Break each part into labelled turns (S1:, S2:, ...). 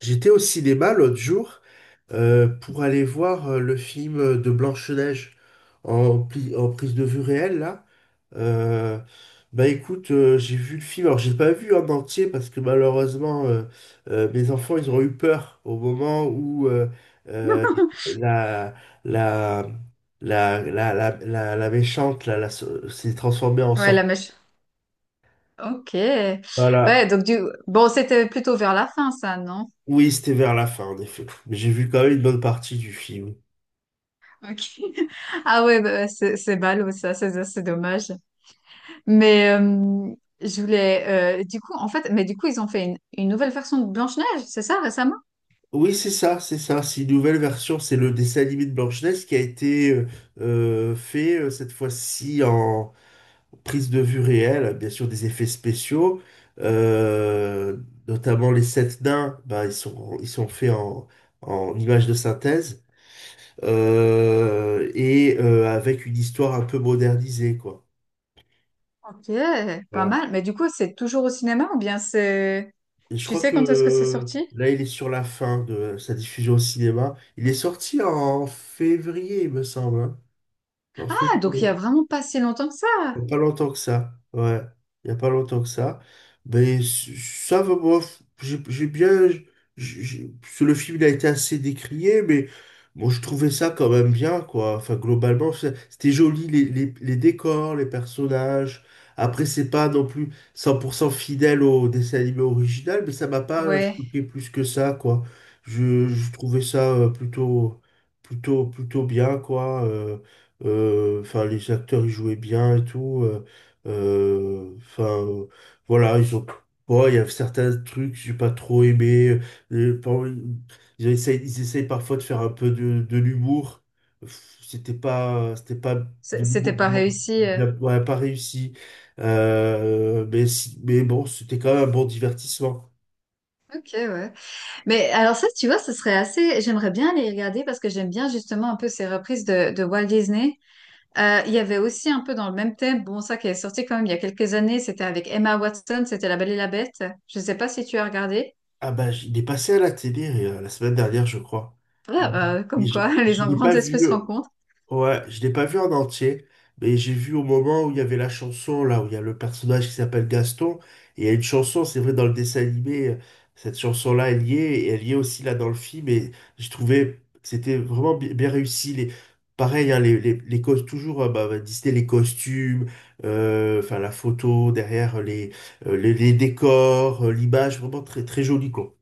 S1: J'étais au cinéma l'autre jour, pour aller voir le film de Blanche-Neige en, en prise de vue réelle là. Euh, Bah écoute, j'ai vu le film. Alors j'ai pas vu en entier parce que malheureusement mes enfants ils ont eu peur au moment où euh, la, la, la méchante là, s'est transformée en
S2: Ouais,
S1: sorte.
S2: la mèche. Ok. Ouais,
S1: Voilà.
S2: donc du... Bon, c'était plutôt vers la fin, ça, non?
S1: Oui, c'était vers la fin en effet. Mais j'ai vu quand même une bonne partie du film.
S2: Ok. Ah ouais, bah, ouais, c'est ballot, ça, c'est dommage. Mais je voulais... du coup, en fait, mais du coup, ils ont fait une nouvelle version de Blanche-Neige, c'est ça, récemment?
S1: Oui, c'est ça, c'est ça. C'est une nouvelle version. C'est le dessin animé de Blanche-Neige qui a été fait cette fois-ci en prise de vue réelle, bien sûr des effets spéciaux, euh, notamment les sept nains. Bah, ils sont faits en en images de synthèse, et avec une histoire un peu modernisée, quoi.
S2: Ok, pas
S1: Voilà.
S2: mal. Mais du coup, c'est toujours au cinéma ou bien c'est...
S1: Et je
S2: Tu
S1: crois
S2: sais
S1: que
S2: quand est-ce que c'est sorti?
S1: là, il est sur la fin de sa diffusion au cinéma. Il est sorti en février, il me semble, hein. En
S2: Ah, donc il y
S1: février.
S2: a vraiment pas si longtemps que ça.
S1: Il n'y a pas longtemps que ça. Ouais. Il n'y a pas longtemps que ça. Mais ça va, moi, j'ai bien. J- Parce que le film il a été assez décrié, mais bon, je trouvais ça quand même bien, quoi. Enfin, globalement, c'était joli, les décors, les personnages. Après, c'est pas non plus 100% fidèle au dessin animé original, mais ça m'a pas
S2: Ouais,
S1: choqué plus que ça, quoi. Je trouvais ça, plutôt bien, quoi. Enfin, les acteurs, ils jouaient bien et tout. Enfin, voilà, ils ont. Bon, il y a certains trucs que j'ai pas trop aimé. Euh, par- ils essayent parfois de faire un peu de l'humour. Pff, c'était pas, c'était pas de
S2: c- c'était
S1: l'humour,
S2: pas
S1: vraiment
S2: réussi.
S1: ouais, pas réussi. Mais, mais bon, c'était quand même un bon divertissement.
S2: Ok, ouais. Mais alors ça, tu vois, ce serait assez... J'aimerais bien les regarder parce que j'aime bien justement un peu ces reprises de Walt Disney. Il y avait aussi un peu dans le même thème, bon, ça qui est sorti quand même il y a quelques années, c'était avec Emma Watson, c'était La Belle et la Bête. Je ne sais pas si tu as regardé.
S1: Ah bah, il est passé à la télé la semaine dernière, je crois. Et,
S2: Ah, bah,
S1: et
S2: comme
S1: je,
S2: quoi, les
S1: je l'ai pas
S2: grandes
S1: vu.
S2: espèces se rencontrent.
S1: Ouais, je l'ai pas vu en entier, mais j'ai vu au moment où il y avait la chanson, là, où il y a le personnage qui s'appelle Gaston, et il y a une chanson, c'est vrai, dans le dessin animé. Cette chanson-là elle y est liée, et elle y est aussi là dans le film, et j'ai trouvé que c'était vraiment bien réussi. Les, pareil, hein, les toujours, bah, bah, Disney, les costumes, enfin, la photo derrière, les, les décors, l'image, vraiment très, très joli, quoi.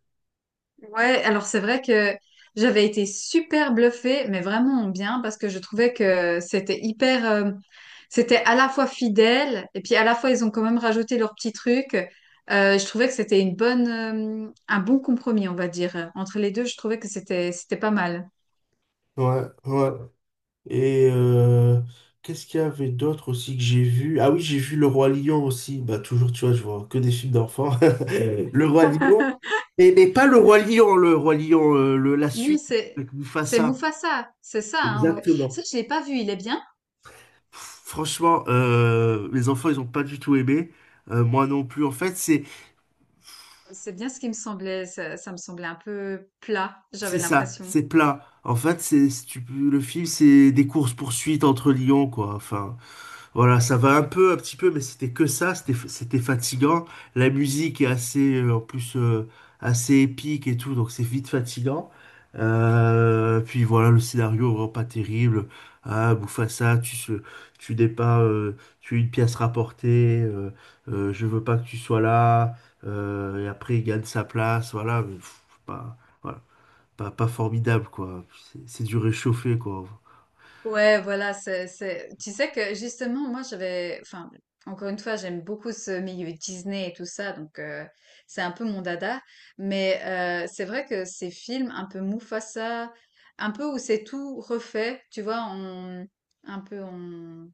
S2: Ouais, alors c'est vrai que j'avais été super bluffée, mais vraiment en bien, parce que je trouvais que c'était hyper, c'était à la fois fidèle, et puis à la fois ils ont quand même rajouté leurs petits trucs. Je trouvais que c'était une bonne, un bon compromis, on va dire. Entre les deux, je trouvais que c'était, c'était pas mal.
S1: Ouais, ouais. Et qu'est-ce qu'il y avait d'autre aussi que j'ai vu? Ah oui, j'ai vu Le Roi Lion aussi. Bah toujours, tu vois, je vois que des films d'enfants. Le Roi Lion. Et, mais pas Le Roi Lion, Le Roi Lion, la
S2: Non,
S1: suite avec
S2: c'est
S1: Mufasa.
S2: Mufasa, c'est ça, hein, ouais. Ça,
S1: Exactement.
S2: je l'ai pas vu, il est bien.
S1: Pff, franchement, les enfants, ils ont pas du tout aimé. Moi non plus. En fait, c'est
S2: C'est bien ce qui me semblait, ça me semblait un peu plat,
S1: c'est
S2: j'avais
S1: ça,
S2: l'impression.
S1: c'est plat. En fait, le film, c'est des courses-poursuites entre lions, quoi. Enfin. Voilà, ça va un peu, un petit peu, mais c'était que ça, c'était fatigant. La musique est assez, en plus, assez épique et tout, donc c'est vite fatigant. Puis voilà, le scénario vraiment pas terrible. Ah, Mufasa, tu n'es pas, tu es une pièce rapportée. Je veux pas que tu sois là. Et après, il gagne sa place. Voilà, mais pff, pas, voilà, pas, pas formidable quoi. C'est du réchauffé quoi.
S2: Ouais, voilà, c'est... Tu sais que justement, moi, j'avais... Enfin, encore une fois, j'aime beaucoup ce milieu Disney et tout ça, donc c'est un peu mon dada. Mais c'est vrai que ces films un peu Mufasa, un peu où c'est tout refait, tu vois, en, un peu en,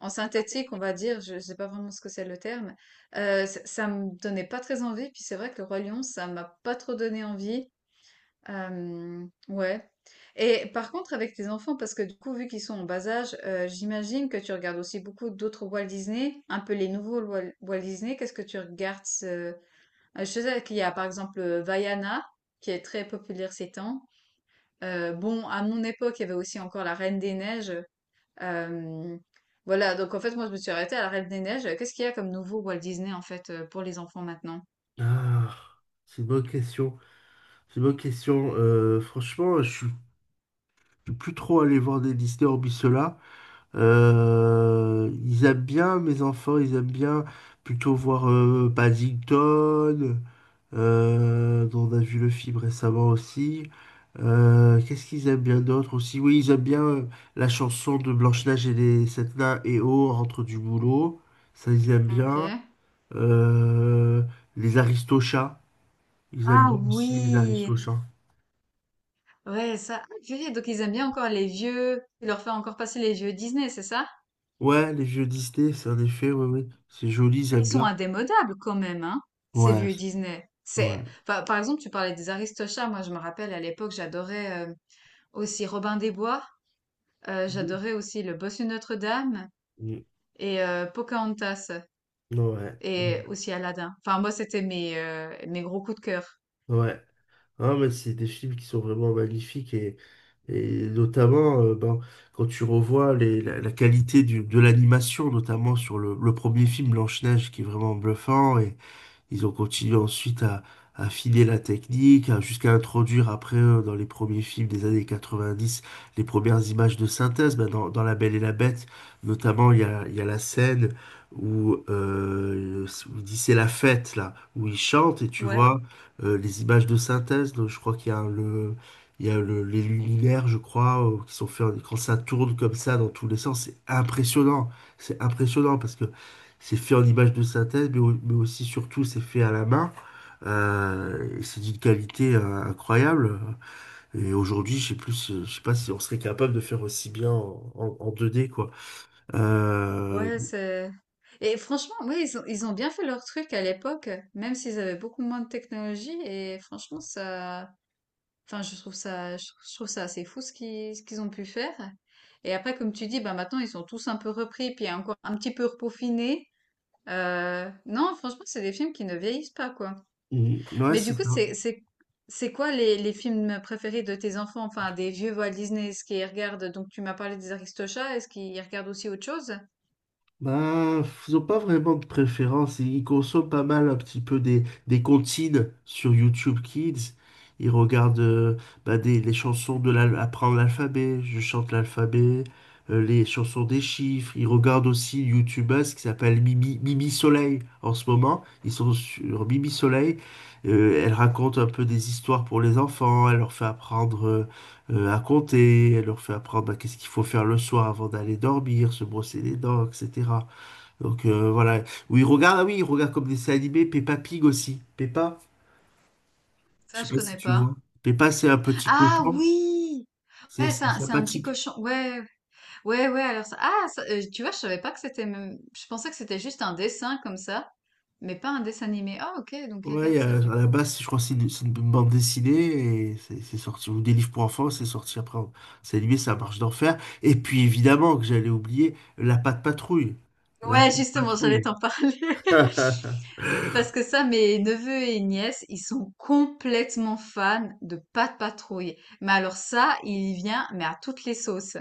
S2: en synthétique, on va dire, je sais pas vraiment ce que c'est le terme, ça, ça me donnait pas très envie. Puis c'est vrai que le Roi Lion, ça m'a pas trop donné envie. Ouais. Et par contre, avec tes enfants, parce que du coup, vu qu'ils sont en bas âge, j'imagine que tu regardes aussi beaucoup d'autres Walt Disney, un peu les nouveaux Wal- Walt Disney. Qu'est-ce que tu regardes je sais qu'il y a par exemple Vaiana, qui est très populaire ces temps. Bon, à mon époque, il y avait aussi encore la Reine des Neiges. Euh, voilà, donc en fait, moi, je me suis arrêtée à la Reine des Neiges. Qu'est-ce qu'il y a comme nouveau Walt Disney, en fait, pour les enfants maintenant?
S1: Ah, c'est une bonne question. C'est une bonne question. Franchement, je suis plus trop allé voir des Disney hormis ceux-là. Ils aiment bien mes enfants, ils aiment bien plutôt voir Paddington, dont on a vu le film récemment aussi. Qu'est-ce qu'ils aiment bien d'autre aussi? Oui, ils aiment bien la chanson de Blanche-Neige et les sept nains et oh, rentre du boulot. Ça, ils aiment
S2: Ok.
S1: bien. Euh, les Aristochats, ils aiment
S2: Ah
S1: bien aussi les
S2: oui!
S1: Aristochats.
S2: Ouais, ça. Ah, purée, donc ils aiment bien encore les vieux. Tu leur fais encore passer les vieux Disney, c'est ça?
S1: Ouais, les vieux Disney, c'est en effet, ouais, ouais. C'est joli, j'aime
S2: Ils sont
S1: bien.
S2: indémodables quand même, hein, ces
S1: Ouais,
S2: vieux Disney.
S1: ouais.
S2: C'est, enfin, par exemple, tu parlais des Aristochats. Moi, je me rappelle à l'époque, j'adorais aussi Robin des Bois.
S1: Mm.
S2: J'adorais aussi Le Bossu de Notre-Dame et Pocahontas
S1: Ouais.
S2: et aussi Aladdin. Enfin, moi, c'était mes mes gros coups de cœur.
S1: Ouais. Ah, mais c'est des films qui sont vraiment magnifiques, et notamment ben, quand tu revois les, la qualité de l'animation, notamment sur le premier film Blanche-Neige qui est vraiment bluffant. Ils ont continué ensuite à affiner la technique, jusqu'à introduire après, dans les premiers films des années 90, les premières images de synthèse. Ben, dans La Belle et la Bête, notamment, il y a la scène où, où il dit c'est la fête, là, où il chante et tu
S2: Ouais.
S1: vois les images de synthèse. Donc, je crois qu'il y a le, il y a le- les luminaires, je crois, qui sont faits quand ça tourne comme ça dans tous les sens. C'est impressionnant. C'est impressionnant parce que c'est fait en image de synthèse, mais, mais aussi, surtout, c'est fait à la main. Et c'est d'une qualité incroyable. Et aujourd'hui, je sais plus, je sais pas si on serait capable de faire aussi bien en, en 2D, quoi. Euh,
S2: Ouais, c'est... Et franchement, ouais, ils ont bien fait leur truc à l'époque, même s'ils avaient beaucoup moins de technologie. Et franchement, ça, enfin, je trouve ça, je trouve ça assez fou ce qu'ils ont pu faire. Et après, comme tu dis, bah maintenant, ils sont tous un peu repris, puis encore un petit peu repaufinés. Non, franchement, c'est des films qui ne vieillissent pas, quoi.
S1: mm, ouais,
S2: Mais du
S1: c'est ça.
S2: coup, c'est quoi les films préférés de tes enfants? Enfin, des vieux Walt Disney, est-ce qu'ils regardent? Donc, tu m'as parlé des Aristochats, est-ce qu'ils regardent aussi autre chose?
S1: Bah, ils n'ont pas vraiment de préférence. Ils consomment pas mal un petit peu des comptines sur YouTube Kids. Ils regardent, bah, des, les chansons de apprendre l'alphabet. Je chante l'alphabet. Les chansons des chiffres. Ils regardent aussi une youtubeuse qui s'appelle Mimi, Mimi Soleil en ce moment. Ils sont sur Mimi Soleil. Elle raconte un peu des histoires pour les enfants. Elle leur fait apprendre à compter. Elle leur fait apprendre bah, qu'est-ce qu'il faut faire le soir avant d'aller dormir, se brosser les dents, etc. Donc voilà. Oui, regarde, ah oui, il regarde comme des dessins animés, Peppa Pig aussi. Peppa, je
S2: Ça,
S1: sais
S2: je
S1: pas si
S2: connais
S1: tu
S2: pas.
S1: vois. Peppa, c'est un petit
S2: Ah
S1: cochon,
S2: oui!
S1: c'est
S2: Ouais, c'est
S1: c'est
S2: un petit
S1: sympathique.
S2: cochon. Ouais, ouais, ouais, alors ça ah ça, tu vois, je savais pas que c'était même je pensais que c'était juste un dessin comme ça, mais pas un dessin animé. Ah OK, donc
S1: Ouais, il
S2: regarde ça
S1: à
S2: du
S1: la
S2: coup.
S1: base, je crois que c'est une bande dessinée et c'est sorti, ou des livres pour enfants, c'est sorti après. C'est animé, ça marche d'enfer. Et puis évidemment que j'allais oublier la Patte Patrouille. La
S2: Ouais,
S1: Patte
S2: justement, j'allais
S1: Patrouille.
S2: t'en parler parce que ça, mes neveux et nièces, ils sont complètement fans de Pat' Patrouille. Mais alors ça, il y vient, mais à toutes les sauces.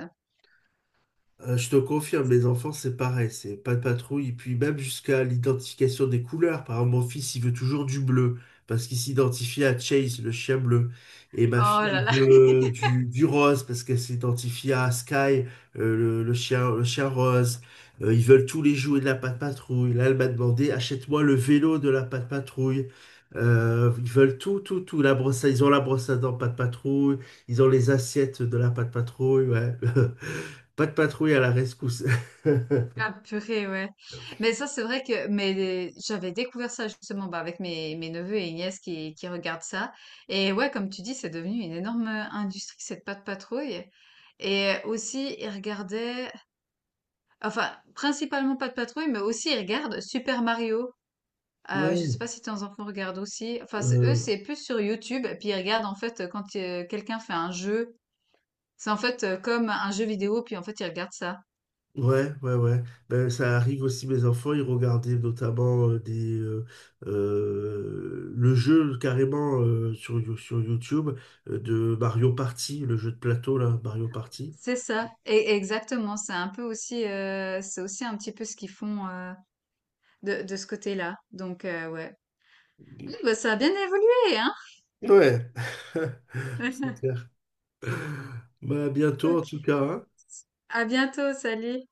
S1: Je te confirme, mes enfants, c'est pareil, c'est pas de patrouille. Et puis même jusqu'à l'identification des couleurs. Par exemple, mon fils, il veut toujours du bleu, parce qu'il s'identifie à Chase, le chien bleu. Et ma fille,
S2: Oh
S1: elle
S2: là là!
S1: veut du rose, parce qu'elle s'identifie à Sky, le chien rose. Ils veulent tous les jouets de la Patte Patrouille. Là, elle m'a demandé, achète-moi le vélo de la Patte Patrouille. Ils veulent tout, tout, tout. Ils ont la brosse à dents Patte Patrouille. Ils ont les assiettes de la Patte Patrouille. Ouais. Pas de patrouille à la rescousse.
S2: Ah purée, ouais. Mais ça, c'est vrai que mais j'avais découvert ça justement bah, avec mes neveux et nièces qui regardent ça. Et ouais, comme tu dis, c'est devenu une énorme industrie, cette pâte patrouille. Et aussi, ils regardaient, enfin, principalement pas de patrouille, mais aussi ils regardent Super Mario. Je
S1: Ouais,
S2: sais pas si tes enfants regardent aussi. Enfin, c'est- eux,
S1: euh,
S2: c'est plus sur YouTube. Et puis ils regardent en fait quand quelqu'un fait un jeu. C'est en fait comme un jeu vidéo, puis en fait ils regardent ça.
S1: ouais. Ben, ça arrive aussi, mes enfants, ils regardaient notamment le jeu carrément sur YouTube, de Mario Party, le jeu de plateau, là, Mario Party.
S2: C'est ça, et exactement. C'est un peu aussi, c'est aussi un petit peu ce qu'ils font de ce côté-là. Donc ouais, ah, bah, ça a bien évolué, hein.
S1: Ouais, c'est clair. Bah, à bientôt en
S2: Ok.
S1: tout cas, hein.
S2: À bientôt, salut.